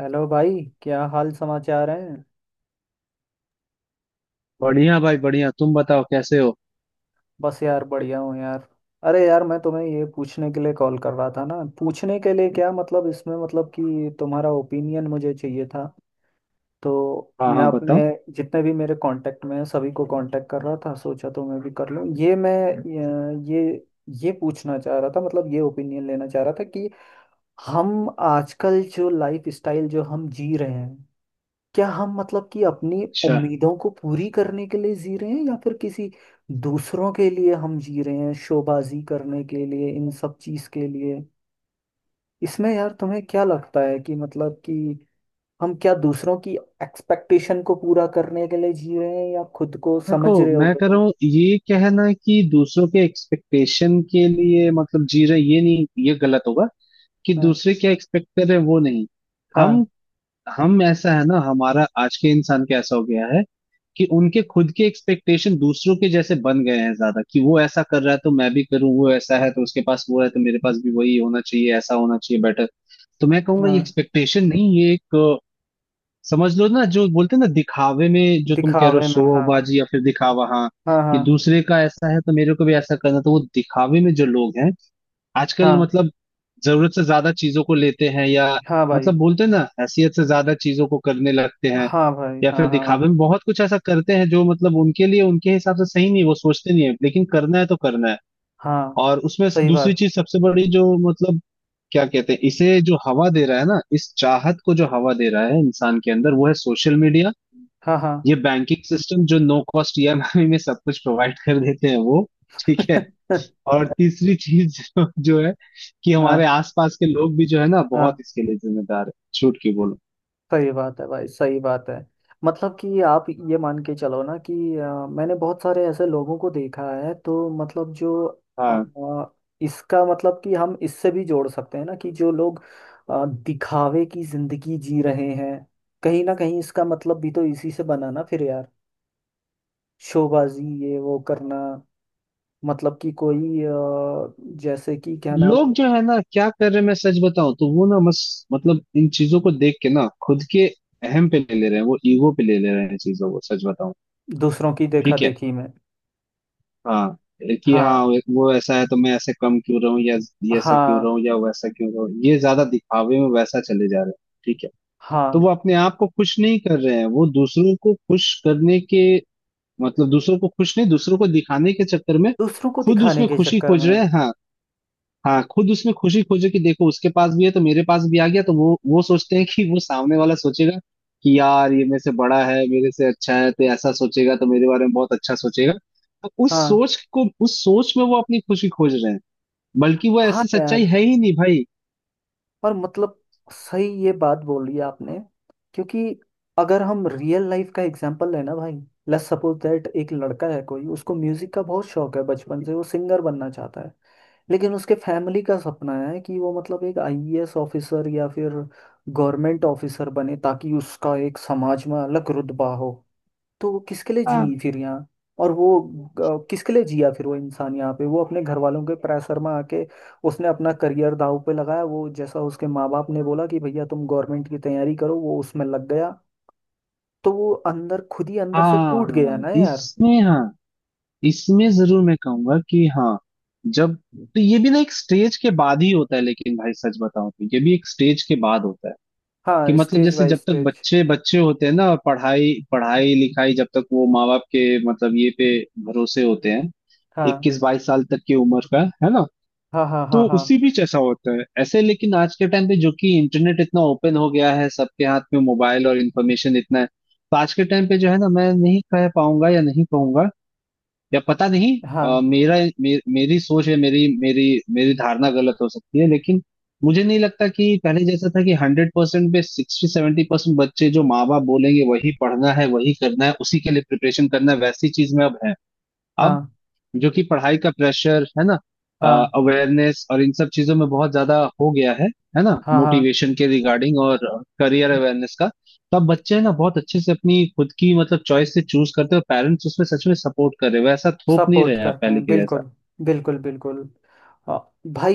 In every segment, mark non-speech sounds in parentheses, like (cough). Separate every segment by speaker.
Speaker 1: Hello भाई। क्या हाल समाचार हैं?
Speaker 2: बढ़िया भाई बढ़िया, तुम बताओ कैसे हो।
Speaker 1: बस यार बढ़िया हूँ यार। अरे यार मैं तुम्हें ये पूछने के लिए कॉल कर रहा था ना, पूछने के लिए क्या मतलब इसमें, मतलब कि तुम्हारा ओपिनियन मुझे चाहिए था। तो
Speaker 2: हाँ
Speaker 1: मैं
Speaker 2: हाँ, बताओ।
Speaker 1: अपने जितने भी मेरे कांटेक्ट में हैं सभी को कांटेक्ट कर रहा था। सोचा तो मैं भी कर लूँ। ये मैं अ, ये पूछना चाह रहा था, मतलब ये ओपिनियन लेना चाह रहा था कि हम आजकल जो लाइफ स्टाइल जो हम जी रहे हैं, क्या हम मतलब कि अपनी
Speaker 2: अच्छा।
Speaker 1: उम्मीदों को पूरी करने के लिए जी रहे हैं या फिर किसी दूसरों के लिए हम जी रहे हैं, शोबाजी करने के लिए, इन सब चीज के लिए। इसमें यार तुम्हें क्या लगता है कि मतलब कि हम क्या दूसरों की एक्सपेक्टेशन को पूरा करने के लिए जी रहे हैं या खुद को,
Speaker 2: देखो,
Speaker 1: समझ रहे
Speaker 2: मैं
Speaker 1: होगे
Speaker 2: कह रहा
Speaker 1: तुम?
Speaker 2: हूँ, ये कहना कि दूसरों के एक्सपेक्टेशन के लिए मतलब जी रहे, ये नहीं, ये गलत होगा कि
Speaker 1: हाँ,
Speaker 2: दूसरे क्या एक्सपेक्ट कर रहे हैं वो नहीं।
Speaker 1: हाँ,
Speaker 2: हम हम ऐसा है ना, हमारा आज के इंसान का ऐसा हो गया है कि उनके खुद के एक्सपेक्टेशन दूसरों के जैसे बन गए हैं ज्यादा, कि वो ऐसा कर रहा है तो मैं भी करूँ, वो ऐसा है तो उसके पास वो है तो मेरे पास भी वही होना चाहिए, ऐसा होना चाहिए बेटर। तो मैं कहूंगा
Speaker 1: हाँ।
Speaker 2: ये एक्सपेक्टेशन नहीं, ये एक समझ लो ना, जो बोलते हैं ना दिखावे में, जो तुम कह रहे हो
Speaker 1: दिखावे में हाँ।
Speaker 2: शोबाजी या फिर दिखावा, हाँ।
Speaker 1: हाँ,
Speaker 2: कि
Speaker 1: हाँ,
Speaker 2: दूसरे का ऐसा है तो मेरे को भी ऐसा करना, तो वो दिखावे में जो लोग हैं आजकल,
Speaker 1: हाँ,
Speaker 2: मतलब जरूरत से ज्यादा चीजों को लेते हैं, या
Speaker 1: हाँ। भाई
Speaker 2: मतलब बोलते हैं ना, हैसियत से ज्यादा चीजों को करने लगते हैं,
Speaker 1: हाँ भाई।
Speaker 2: या
Speaker 1: हाँ,
Speaker 2: फिर दिखावे
Speaker 1: हाँ,
Speaker 2: में बहुत कुछ ऐसा करते हैं जो मतलब उनके लिए उनके हिसाब से सही नहीं, वो सोचते नहीं है, लेकिन करना है तो करना है।
Speaker 1: हाँ।
Speaker 2: और उसमें
Speaker 1: सही
Speaker 2: दूसरी
Speaker 1: बात।
Speaker 2: चीज सबसे बड़ी, जो मतलब क्या कहते हैं इसे, जो हवा दे रहा है ना इस चाहत को, जो हवा दे रहा है इंसान के अंदर, वो है सोशल मीडिया।
Speaker 1: हाँ, हाँ।
Speaker 2: ये बैंकिंग सिस्टम जो नो कॉस्ट ईएमआई (laughs) में सब कुछ प्रोवाइड कर देते हैं वो। ठीक है।
Speaker 1: (laughs)
Speaker 2: और तीसरी चीज (laughs) जो है कि हमारे
Speaker 1: हाँ,
Speaker 2: आसपास के लोग भी जो है ना, बहुत
Speaker 1: हाँ।
Speaker 2: इसके लिए जिम्मेदार है, छूट की बोलो।
Speaker 1: सही बात है भाई, सही बात है। मतलब कि आप ये मान के चलो ना कि मैंने बहुत सारे ऐसे लोगों को देखा है, तो मतलब जो
Speaker 2: हाँ।
Speaker 1: अ, इसका मतलब कि हम इससे भी जोड़ सकते हैं ना, कि जो लोग दिखावे की जिंदगी जी रहे हैं, कहीं ना कहीं इसका मतलब भी तो इसी से बना ना फिर यार। शोबाजी, ये वो करना, मतलब कि कोई जैसे कि क्या नाम।
Speaker 2: लोग जो है ना क्या कर रहे हैं, मैं सच बताऊं तो वो ना, बस मतलब इन चीजों को देख के ना, खुद के अहम पे ले ले रहे हैं, वो ईगो पे ले ले रहे हैं चीजों को, सच बताऊं।
Speaker 1: दूसरों की देखा
Speaker 2: ठीक है।
Speaker 1: देखी में।
Speaker 2: हाँ, कि हाँ
Speaker 1: हाँ,
Speaker 2: वो ऐसा है तो मैं ऐसे कम क्यों रहूं, या ये ऐसा क्यों
Speaker 1: हाँ,
Speaker 2: रहूं या वैसा क्यों रहूं, ये ज्यादा दिखावे में वैसा चले जा रहे हैं। ठीक है। तो
Speaker 1: हाँ।
Speaker 2: वो अपने आप को खुश नहीं कर रहे हैं, वो दूसरों को खुश करने के मतलब दूसरों को खुश नहीं, दूसरों को दिखाने के चक्कर में
Speaker 1: दूसरों को
Speaker 2: खुद
Speaker 1: दिखाने
Speaker 2: उसमें
Speaker 1: के
Speaker 2: खुशी
Speaker 1: चक्कर
Speaker 2: खोज
Speaker 1: में।
Speaker 2: रहे हैं, हाँ। हाँ, खुद उसमें खुशी खोजे कि देखो उसके पास भी है तो मेरे पास भी आ गया, तो वो सोचते हैं कि वो सामने वाला सोचेगा कि यार ये मेरे से बड़ा है, मेरे से अच्छा है, तो ऐसा सोचेगा तो मेरे बारे में बहुत अच्छा सोचेगा, तो उस
Speaker 1: हाँ,
Speaker 2: सोच को, उस सोच में वो अपनी खुशी खोज रहे हैं। बल्कि वो
Speaker 1: हाँ
Speaker 2: ऐसी सच्चाई
Speaker 1: यार।
Speaker 2: है ही नहीं, भाई।
Speaker 1: और मतलब, सही ये बात बोली आपने। क्योंकि अगर हम रियल लाइफ का एग्जांपल लें ना भाई, लेट्स सपोज दैट एक लड़का है कोई, उसको म्यूजिक का बहुत शौक है, बचपन से वो सिंगर बनना चाहता है, लेकिन उसके फैमिली का सपना है कि वो मतलब एक आईएएस ऑफिसर या फिर गवर्नमेंट ऑफिसर बने, ताकि उसका एक समाज में अलग रुतबा हो। तो वो किसके लिए
Speaker 2: हाँ
Speaker 1: जी फिर यहाँ? और वो किसके लिए जिया फिर वो इंसान? यहाँ पे वो अपने घर वालों के प्रेशर में आके उसने अपना करियर दांव पे लगाया, वो जैसा उसके माँ बाप ने बोला कि भैया तुम गवर्नमेंट की तैयारी करो, वो उसमें लग गया। तो वो अंदर खुद ही अंदर से
Speaker 2: हाँ
Speaker 1: टूट
Speaker 2: हाँ
Speaker 1: गया ना यार।
Speaker 2: इसमें, हाँ। इसमें जरूर मैं कहूंगा कि हाँ। जब तो ये भी ना एक स्टेज के बाद ही होता है, लेकिन भाई सच बताऊं तो ये भी एक स्टेज के बाद होता है। कि
Speaker 1: हाँ,
Speaker 2: मतलब
Speaker 1: स्टेज
Speaker 2: जैसे
Speaker 1: बाय
Speaker 2: जब तक
Speaker 1: स्टेज।
Speaker 2: बच्चे बच्चे होते हैं ना, पढ़ाई पढ़ाई लिखाई, जब तक वो माँ बाप के मतलब ये पे भरोसे होते हैं,
Speaker 1: हाँ,
Speaker 2: 21-22 साल तक की उम्र का है ना।
Speaker 1: हाँ, हाँ, हाँ,
Speaker 2: तो
Speaker 1: हाँ,
Speaker 2: उसी बीच ऐसा होता है ऐसे, लेकिन आज के टाइम पे जो कि इंटरनेट इतना ओपन हो गया है, सबके हाथ में मोबाइल और इन्फॉर्मेशन इतना है, तो आज के टाइम पे जो है ना, मैं नहीं कह पाऊंगा या नहीं कहूंगा, या पता नहीं।
Speaker 1: हाँ,
Speaker 2: मेरा, मेरी सोच है, मेरी मेरी मेरी धारणा गलत हो सकती है, लेकिन मुझे नहीं लगता कि पहले जैसा था, कि 100% पे 60-70% बच्चे, जो माँ बाप बोलेंगे वही पढ़ना है, वही करना है, उसी के लिए प्रिपरेशन करना है, वैसी चीज में अब है। अब
Speaker 1: हाँ,
Speaker 2: जो कि पढ़ाई का प्रेशर है ना,
Speaker 1: हाँ,
Speaker 2: अवेयरनेस और इन सब चीजों में बहुत ज्यादा हो गया है ना,
Speaker 1: हाँ, हाँ।
Speaker 2: मोटिवेशन के रिगार्डिंग और करियर अवेयरनेस का। तो अब बच्चे है ना बहुत अच्छे से अपनी खुद की मतलब चॉइस से चूज करते हैं, और पेरेंट्स उसमें सच में सपोर्ट कर रहे हैं, वैसा थोप नहीं रहे
Speaker 1: सपोर्ट
Speaker 2: हैं अब
Speaker 1: करते
Speaker 2: पहले
Speaker 1: हैं
Speaker 2: के जैसा।
Speaker 1: बिल्कुल। बिल्कुल, बिल्कुल। अ,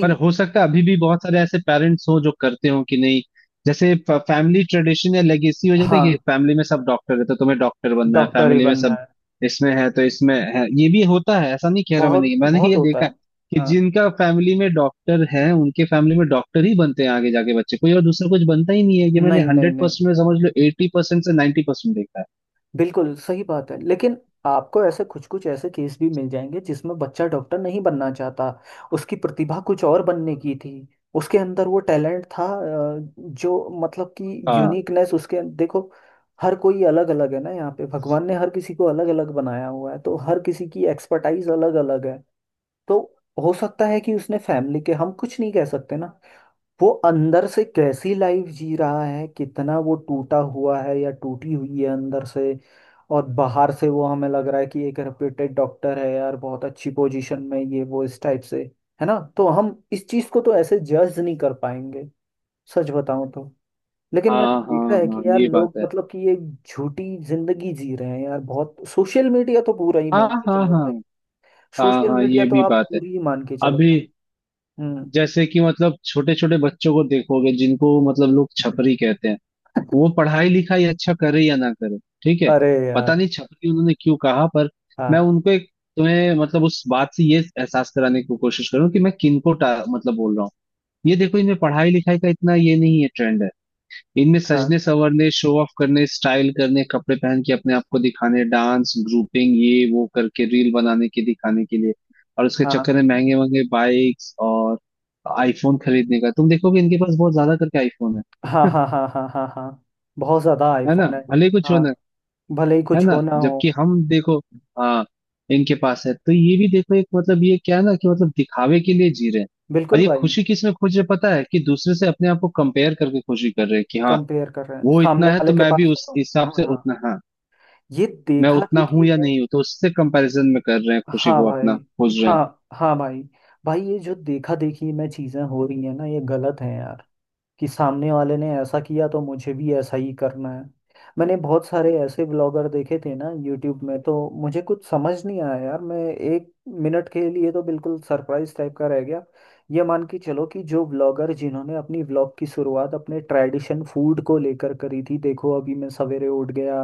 Speaker 2: पर हो सकता है अभी भी बहुत सारे ऐसे पेरेंट्स हो जो करते हो कि नहीं, जैसे फैमिली ट्रेडिशन या लेगेसी हो जाता है कि
Speaker 1: हाँ,
Speaker 2: फैमिली में सब डॉक्टर है तो तुम्हें डॉक्टर बनना है,
Speaker 1: डॉक्टर ही
Speaker 2: फैमिली में
Speaker 1: बनना
Speaker 2: सब,
Speaker 1: है।
Speaker 2: इसमें है तो इसमें है, ये भी होता है, ऐसा नहीं कह रहा, मैंने
Speaker 1: बहुत
Speaker 2: मैंने
Speaker 1: बहुत
Speaker 2: ये
Speaker 1: होता
Speaker 2: देखा है
Speaker 1: है।
Speaker 2: कि
Speaker 1: हाँ।
Speaker 2: जिनका फैमिली में डॉक्टर है उनके फैमिली में डॉक्टर ही बनते हैं आगे जाके, बच्चे कोई और दूसरा कुछ बनता ही नहीं है, ये मैंने
Speaker 1: नहीं, नहीं,
Speaker 2: हंड्रेड
Speaker 1: नहीं।
Speaker 2: परसेंट में समझ लो 80% से 90% देखा है।
Speaker 1: बिल्कुल सही बात है, लेकिन आपको ऐसे कुछ कुछ ऐसे केस भी मिल जाएंगे जिसमें बच्चा डॉक्टर नहीं बनना चाहता। उसकी प्रतिभा कुछ और बनने की थी, उसके अंदर वो टैलेंट था। जो मतलब कि
Speaker 2: हाँ
Speaker 1: यूनिकनेस उसके देखो, हर कोई अलग अलग है ना, यहाँ पे भगवान ने हर किसी को अलग अलग बनाया हुआ है, तो हर किसी की एक्सपर्टाइज अलग अलग है। तो हो सकता है कि उसने फैमिली के, हम कुछ नहीं कह सकते ना वो अंदर से कैसी लाइफ जी रहा है, कितना वो टूटा हुआ है या टूटी हुई है अंदर से, और बाहर से वो हमें लग रहा है कि एक रेप्यूटेड डॉक्टर है यार, बहुत अच्छी पोजीशन में, ये वो इस टाइप से, है ना? तो हम इस चीज को तो ऐसे जज नहीं कर पाएंगे, सच बताऊं तो। लेकिन मैंने
Speaker 2: हाँ हाँ
Speaker 1: देखा है कि
Speaker 2: हाँ,
Speaker 1: यार
Speaker 2: ये
Speaker 1: लोग
Speaker 2: बात है।
Speaker 1: मतलब कि ये झूठी जिंदगी जी रहे हैं यार बहुत। सोशल मीडिया तो पूरा ही
Speaker 2: हाँ
Speaker 1: मान के
Speaker 2: हाँ
Speaker 1: चलो
Speaker 2: हाँ
Speaker 1: भाई।
Speaker 2: हाँ
Speaker 1: सोशल
Speaker 2: हाँ,
Speaker 1: मीडिया
Speaker 2: ये
Speaker 1: तो
Speaker 2: भी
Speaker 1: आप
Speaker 2: बात है।
Speaker 1: पूरी ही मान के चलो
Speaker 2: अभी
Speaker 1: भाई। हम्म।
Speaker 2: जैसे कि मतलब छोटे छोटे बच्चों को देखोगे जिनको मतलब लोग छपरी कहते हैं, वो पढ़ाई लिखाई अच्छा करे या ना करे, ठीक है।
Speaker 1: अरे
Speaker 2: पता
Speaker 1: यार।
Speaker 2: नहीं छपरी उन्होंने क्यों कहा, पर मैं
Speaker 1: हाँ,
Speaker 2: उनको एक, तुम्हें मतलब उस बात से ये एहसास कराने की कोशिश करूँ कि मैं किनको मतलब बोल रहा हूँ। ये देखो, इनमें पढ़ाई लिखाई का इतना ये नहीं है, ट्रेंड है इनमें
Speaker 1: हाँ,
Speaker 2: सजने संवरने शो ऑफ करने स्टाइल करने कपड़े पहन के अपने आप को दिखाने, डांस ग्रुपिंग ये वो करके रील बनाने के, दिखाने के लिए। और उसके चक्कर
Speaker 1: हाँ,
Speaker 2: में महंगे महंगे बाइक्स और आईफोन खरीदने का, तुम देखोगे इनके पास बहुत ज्यादा करके आईफोन है
Speaker 1: हाँ, हाँ, हाँ, हाँ, हाँ, हाँ। बहुत ज्यादा
Speaker 2: (laughs) है ना,
Speaker 1: आईफोन है।
Speaker 2: भले ही कुछ
Speaker 1: हाँ,
Speaker 2: होना।
Speaker 1: भले ही
Speaker 2: है
Speaker 1: कुछ
Speaker 2: ना,
Speaker 1: हो ना
Speaker 2: जबकि
Speaker 1: हो।
Speaker 2: हम देखो, हाँ, इनके पास है तो ये भी देखो एक मतलब, ये क्या है ना, कि मतलब दिखावे के लिए जी रहे हैं, और
Speaker 1: बिल्कुल
Speaker 2: ये
Speaker 1: भाई।
Speaker 2: खुशी किस में खोज रहे हैं पता है, कि दूसरे से अपने आप को कंपेयर करके खुशी कर रहे हैं, कि हाँ
Speaker 1: कंपेयर कर रहे हैं
Speaker 2: वो
Speaker 1: सामने
Speaker 2: इतना है
Speaker 1: वाले
Speaker 2: तो
Speaker 1: के
Speaker 2: मैं भी
Speaker 1: पास है
Speaker 2: उस
Speaker 1: तो।
Speaker 2: हिसाब से
Speaker 1: हाँ,
Speaker 2: उतना, हाँ,
Speaker 1: ये
Speaker 2: मैं
Speaker 1: देखा
Speaker 2: उतना हूं
Speaker 1: देखी
Speaker 2: या
Speaker 1: है।
Speaker 2: नहीं हूं, तो उससे कंपैरिजन में कर रहे हैं, खुशी
Speaker 1: हाँ
Speaker 2: को
Speaker 1: भाई।
Speaker 2: अपना खोज रहे हैं।
Speaker 1: हाँ, हाँ भाई। भाई ये जो देखा देखी में चीजें हो रही है ना, ये गलत है यार। कि सामने वाले ने ऐसा किया तो मुझे भी ऐसा ही करना है। मैंने बहुत सारे ऐसे ब्लॉगर देखे थे ना यूट्यूब में, तो मुझे कुछ समझ नहीं आया यार। मैं एक मिनट के लिए तो बिल्कुल सरप्राइज टाइप का रह गया। ये मान के चलो कि जो ब्लॉगर जिन्होंने अपनी ब्लॉग की शुरुआत अपने ट्रेडिशन फूड को लेकर करी थी, देखो अभी मैं सवेरे उठ गया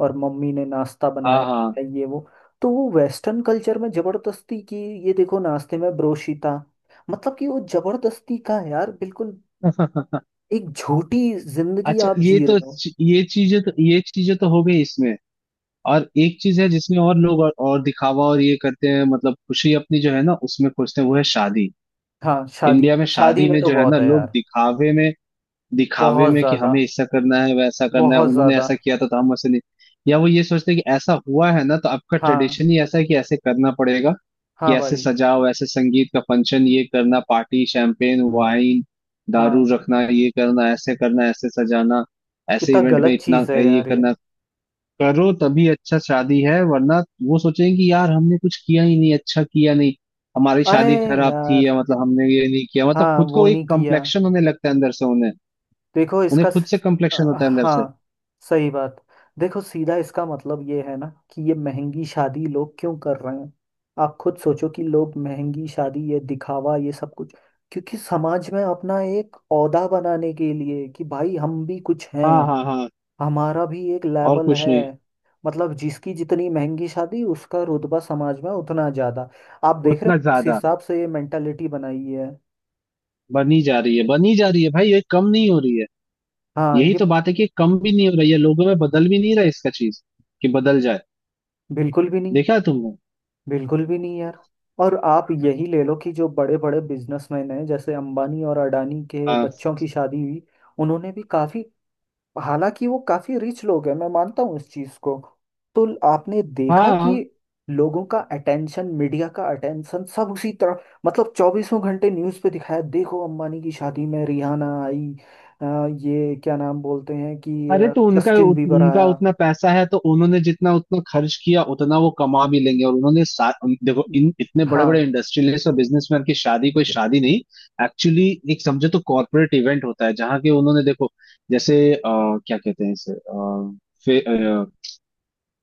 Speaker 1: और मम्मी ने नाश्ता बनाया
Speaker 2: हाँ
Speaker 1: है, ये वो। तो वो वेस्टर्न कल्चर में जबरदस्ती की, ये देखो नाश्ते में ब्रोशीता। मतलब कि वो जबरदस्ती का है यार बिल्कुल।
Speaker 2: हाँ
Speaker 1: एक झूठी
Speaker 2: (laughs)
Speaker 1: जिंदगी
Speaker 2: अच्छा।
Speaker 1: आप
Speaker 2: ये
Speaker 1: जी
Speaker 2: तो,
Speaker 1: रहे हो।
Speaker 2: ये चीजें तो हो गई इसमें, और एक चीज है जिसमें और लोग और दिखावा और ये करते हैं, मतलब खुशी अपनी जो है ना उसमें खोजते हैं, वो है शादी।
Speaker 1: हाँ शादी।
Speaker 2: इंडिया में
Speaker 1: शादी
Speaker 2: शादी
Speaker 1: में
Speaker 2: में
Speaker 1: तो
Speaker 2: जो है ना
Speaker 1: बहुत है
Speaker 2: लोग
Speaker 1: यार।
Speaker 2: दिखावे में, दिखावे
Speaker 1: बहुत
Speaker 2: में कि
Speaker 1: ज्यादा,
Speaker 2: हमें ऐसा करना है वैसा करना है,
Speaker 1: बहुत
Speaker 2: उन्होंने
Speaker 1: ज्यादा।
Speaker 2: ऐसा किया था तो हम वैसे नहीं, या वो ये सोचते हैं कि ऐसा हुआ है ना, तो आपका
Speaker 1: हाँ,
Speaker 2: ट्रेडिशन ही ऐसा है कि ऐसे करना पड़ेगा, कि
Speaker 1: हाँ
Speaker 2: ऐसे
Speaker 1: भाई।
Speaker 2: सजाओ, ऐसे संगीत का फंक्शन, ये करना, पार्टी, शैंपेन वाइन दारू
Speaker 1: हाँ,
Speaker 2: रखना, ये करना, ऐसे करना, ऐसे सजाना, ऐसे
Speaker 1: कितना
Speaker 2: इवेंट में
Speaker 1: गलत
Speaker 2: इतना
Speaker 1: चीज है
Speaker 2: ये
Speaker 1: यार ये।
Speaker 2: करना, करो तभी अच्छा शादी है, वरना वो सोचेंगे कि यार हमने कुछ किया ही नहीं, अच्छा किया नहीं, हमारी
Speaker 1: अरे
Speaker 2: शादी खराब थी,
Speaker 1: यार।
Speaker 2: या मतलब हमने ये नहीं किया, मतलब
Speaker 1: हाँ
Speaker 2: खुद
Speaker 1: वो
Speaker 2: को एक
Speaker 1: नहीं किया।
Speaker 2: कम्प्लेक्शन होने लगता है अंदर से उन्हें।
Speaker 1: देखो
Speaker 2: उन्हें
Speaker 1: इसका
Speaker 2: खुद से
Speaker 1: स-
Speaker 2: कम्प्लेक्शन होता है अंदर से।
Speaker 1: हाँ सही बात। देखो सीधा इसका मतलब ये है ना कि ये महंगी शादी लोग क्यों कर रहे हैं? आप खुद सोचो कि लोग महंगी शादी ये दिखावा ये सब कुछ, क्योंकि समाज में अपना एक ओहदा बनाने के लिए कि भाई हम भी कुछ हैं,
Speaker 2: हाँ हाँ हाँ,
Speaker 1: हमारा भी एक
Speaker 2: और
Speaker 1: लेवल
Speaker 2: कुछ
Speaker 1: है।
Speaker 2: नहीं।
Speaker 1: मतलब जिसकी जितनी महंगी शादी उसका रुतबा समाज में उतना ज्यादा। आप देख रहे हो
Speaker 2: उतना
Speaker 1: किस
Speaker 2: ज्यादा,
Speaker 1: हिसाब से ये मेंटालिटी बनाई है?
Speaker 2: बनी जा रही है बनी जा रही है, भाई ये कम नहीं हो रही है।
Speaker 1: हाँ,
Speaker 2: यही
Speaker 1: ये
Speaker 2: तो बात है कि कम भी नहीं हो रही है, लोगों में बदल भी नहीं रहा है इसका चीज, कि बदल जाए।
Speaker 1: बिल्कुल भी नहीं।
Speaker 2: देखा है तुमने।
Speaker 1: बिल्कुल भी नहीं यार। और आप यही ले लो कि जो बड़े बड़े बिजनेसमैन हैं जैसे अंबानी और अडानी के
Speaker 2: हाँ
Speaker 1: बच्चों की शादी हुई, उन्होंने भी काफी, हालांकि वो काफी रिच लोग हैं मैं मानता हूँ इस चीज को, तो आपने
Speaker 2: हाँ
Speaker 1: देखा कि
Speaker 2: हाँ।
Speaker 1: लोगों का अटेंशन, मीडिया का अटेंशन सब उसी तरफ, मतलब चौबीसों घंटे न्यूज पे दिखाया, देखो अंबानी की शादी में रिहाना आई, ये क्या नाम बोलते हैं कि
Speaker 2: अरे, तो उनका
Speaker 1: जस्टिन बीबर
Speaker 2: उनका
Speaker 1: आया।
Speaker 2: उतना पैसा है, तो उन्होंने जितना उतना खर्च किया उतना वो कमा भी लेंगे, और उन्होंने देखो, इन इतने बड़े
Speaker 1: हाँ,
Speaker 2: बड़े इंडस्ट्रियलिस्ट और बिजनेसमैन की शादी कोई शादी नहीं, एक्चुअली एक समझो तो कॉर्पोरेट इवेंट होता है, जहाँ के उन्होंने देखो, जैसे क्या कहते हैं इसे, अ,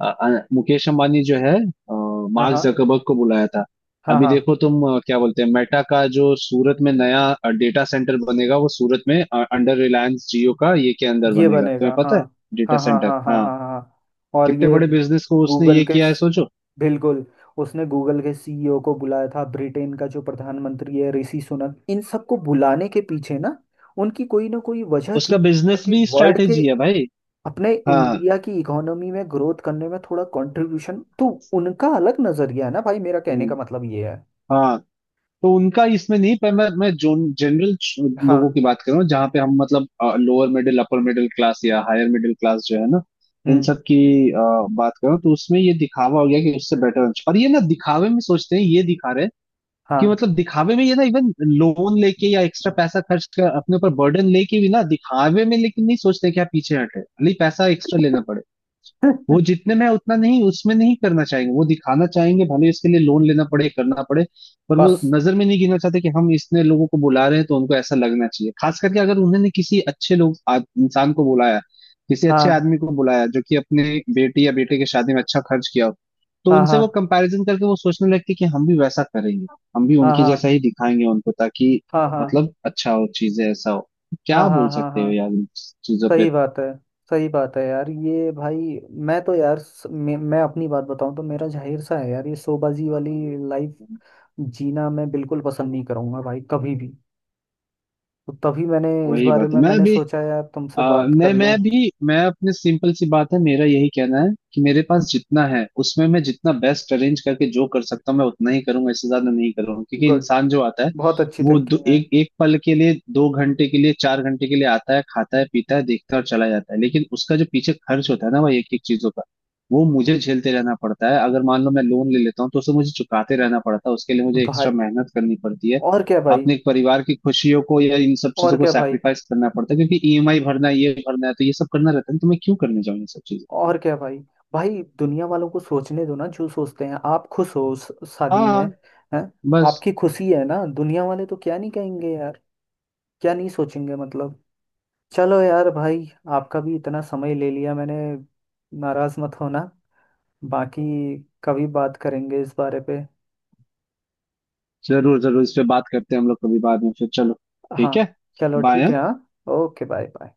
Speaker 2: अ, मुकेश अंबानी जो है,
Speaker 1: हाँ,
Speaker 2: मार्क
Speaker 1: हाँ,
Speaker 2: जकरबर्ग को बुलाया था।
Speaker 1: हाँ,
Speaker 2: अभी
Speaker 1: हाँ।
Speaker 2: देखो तुम, क्या बोलते हैं, मेटा का जो सूरत में नया डेटा सेंटर बनेगा, वो सूरत में अंडर रिलायंस जियो का ये के अंदर
Speaker 1: ये
Speaker 2: बनेगा,
Speaker 1: बनेगा
Speaker 2: तुम्हें
Speaker 1: हाँ।
Speaker 2: पता है। डेटा
Speaker 1: हाँ, हाँ,
Speaker 2: सेंटर,
Speaker 1: हाँ, हाँ,
Speaker 2: हाँ।
Speaker 1: हाँ, हाँ, हाँ, और
Speaker 2: कितने
Speaker 1: ये
Speaker 2: बड़े बिजनेस को उसने
Speaker 1: गूगल
Speaker 2: ये
Speaker 1: के,
Speaker 2: किया है, सोचो।
Speaker 1: बिल्कुल, उसने गूगल के सीईओ को बुलाया था, ब्रिटेन का जो प्रधानमंत्री है ऋषि सुनक, इन सबको बुलाने के पीछे ना उनकी कोई ना कोई वजह थी,
Speaker 2: उसका बिजनेस
Speaker 1: क्योंकि
Speaker 2: भी
Speaker 1: वर्ल्ड के,
Speaker 2: स्ट्रैटेजी है, भाई।
Speaker 1: अपने
Speaker 2: हाँ।
Speaker 1: इंडिया की इकोनॉमी में ग्रोथ करने में थोड़ा कंट्रीब्यूशन तो, उनका अलग नजरिया है ना भाई। मेरा कहने
Speaker 2: हम्म,
Speaker 1: का मतलब ये है।
Speaker 2: हाँ, तो उनका इसमें नहीं, पर मैं जोन जनरल लोगों
Speaker 1: हाँ।
Speaker 2: की बात कर रहा हूँ, जहाँ पे हम मतलब lower middle upper middle class या हायर मिडिल क्लास जो है ना, इन
Speaker 1: हम्म।
Speaker 2: सब की बात कर रहा हूँ। तो उसमें ये दिखावा हो गया कि उससे बेटर, और ये ना दिखावे में सोचते हैं, ये दिखा रहे हैं कि
Speaker 1: हाँ।
Speaker 2: मतलब दिखावे में ये ना इवन लोन लेके या एक्स्ट्रा पैसा खर्च कर अपने ऊपर बर्डन लेके भी ना दिखावे में, लेकिन नहीं सोचते कि आप पीछे हटे, भले ही पैसा एक्स्ट्रा लेना पड़े। वो
Speaker 1: (laughs)
Speaker 2: जितने में है उतना नहीं, उसमें नहीं करना चाहेंगे, वो दिखाना चाहेंगे, भले इसके लिए लोन लेना पड़े, करना पड़े। पर वो
Speaker 1: बस
Speaker 2: नजर में नहीं गिनना चाहते कि हम इतने लोगों को बुला रहे हैं, तो उनको ऐसा लगना चाहिए, खास करके अगर उन्होंने किसी अच्छे लोग इंसान को बुलाया, किसी अच्छे
Speaker 1: हाँ,
Speaker 2: आदमी को बुलाया जो कि अपने बेटी या बेटे की शादी में अच्छा खर्च किया हो, तो
Speaker 1: हाँ,
Speaker 2: उनसे
Speaker 1: हाँ,
Speaker 2: वो कंपैरिजन करके वो सोचने लगते कि हम भी वैसा करेंगे, हम भी
Speaker 1: हाँ,
Speaker 2: उनके जैसा
Speaker 1: हाँ,
Speaker 2: ही दिखाएंगे उनको, ताकि
Speaker 1: हाँ, हाँ, हाँ,
Speaker 2: मतलब अच्छा हो, चीजें ऐसा हो,
Speaker 1: हाँ,
Speaker 2: क्या
Speaker 1: हाँ,
Speaker 2: बोल
Speaker 1: हाँ,
Speaker 2: सकते
Speaker 1: हाँ।
Speaker 2: हो यार इन चीजों पे।
Speaker 1: सही बात है। सही बात है यार ये भाई। मैं तो यार मैं अपनी बात बताऊं तो मेरा जाहिर सा है यार, ये शोबाजी वाली लाइफ जीना मैं बिल्कुल पसंद नहीं करूंगा भाई, कभी भी। तो तभी मैंने इस
Speaker 2: वही
Speaker 1: बारे
Speaker 2: बात है।
Speaker 1: में
Speaker 2: मैं
Speaker 1: मैंने
Speaker 2: भी,
Speaker 1: सोचा यार तुमसे
Speaker 2: अ,
Speaker 1: बात कर
Speaker 2: नहीं,
Speaker 1: लूं।
Speaker 2: मैं भी, मैं अपने सिंपल सी बात है, मेरा यही कहना है कि मेरे पास जितना है उसमें मैं जितना बेस्ट अरेंज करके जो कर सकता हूँ मैं उतना ही करूंगा, इससे ज्यादा नहीं करूंगा, क्योंकि
Speaker 1: गुड।
Speaker 2: इंसान जो आता है
Speaker 1: बहुत अच्छी
Speaker 2: वो
Speaker 1: थिंकिंग है।
Speaker 2: एक एक पल के लिए, 2 घंटे के लिए, 4 घंटे के लिए आता है, खाता है पीता है देखता है और चला जाता है, लेकिन उसका जो पीछे खर्च होता है ना भाई एक एक चीजों का, वो मुझे झेलते रहना पड़ता है, अगर मान लो मैं लोन ले लेता हूँ तो उसे मुझे चुकाते रहना पड़ता है, उसके लिए मुझे
Speaker 1: भाई
Speaker 2: एक्स्ट्रा मेहनत करनी पड़ती है,
Speaker 1: और क्या भाई।
Speaker 2: अपने परिवार की खुशियों को या इन सब
Speaker 1: और
Speaker 2: चीजों को
Speaker 1: क्या भाई।
Speaker 2: सैक्रिफाइस करना पड़ता है, क्योंकि ईएमआई भरना है, ये भरना है, तो ये सब करना रहता है, तो मैं क्यों करने जाऊँ ये सब चीजें।
Speaker 1: और क्या भाई। भाई दुनिया वालों को सोचने दो ना, जो सोचते हैं। आप खुश हो उस शादी में?
Speaker 2: हाँ,
Speaker 1: हैं?
Speaker 2: बस।
Speaker 1: आपकी खुशी है ना, दुनिया वाले तो क्या नहीं कहेंगे यार, क्या नहीं सोचेंगे, मतलब। चलो यार भाई, आपका भी इतना समय ले लिया मैंने, नाराज मत होना। बाकी कभी बात करेंगे इस बारे पे।
Speaker 2: जरूर जरूर, इस पे बात करते हैं हम लोग कभी बाद में, फिर चलो,
Speaker 1: हाँ।
Speaker 2: ठीक है,
Speaker 1: चलो ठीक
Speaker 2: बाय।
Speaker 1: है। हाँ, ओके, बाय बाय।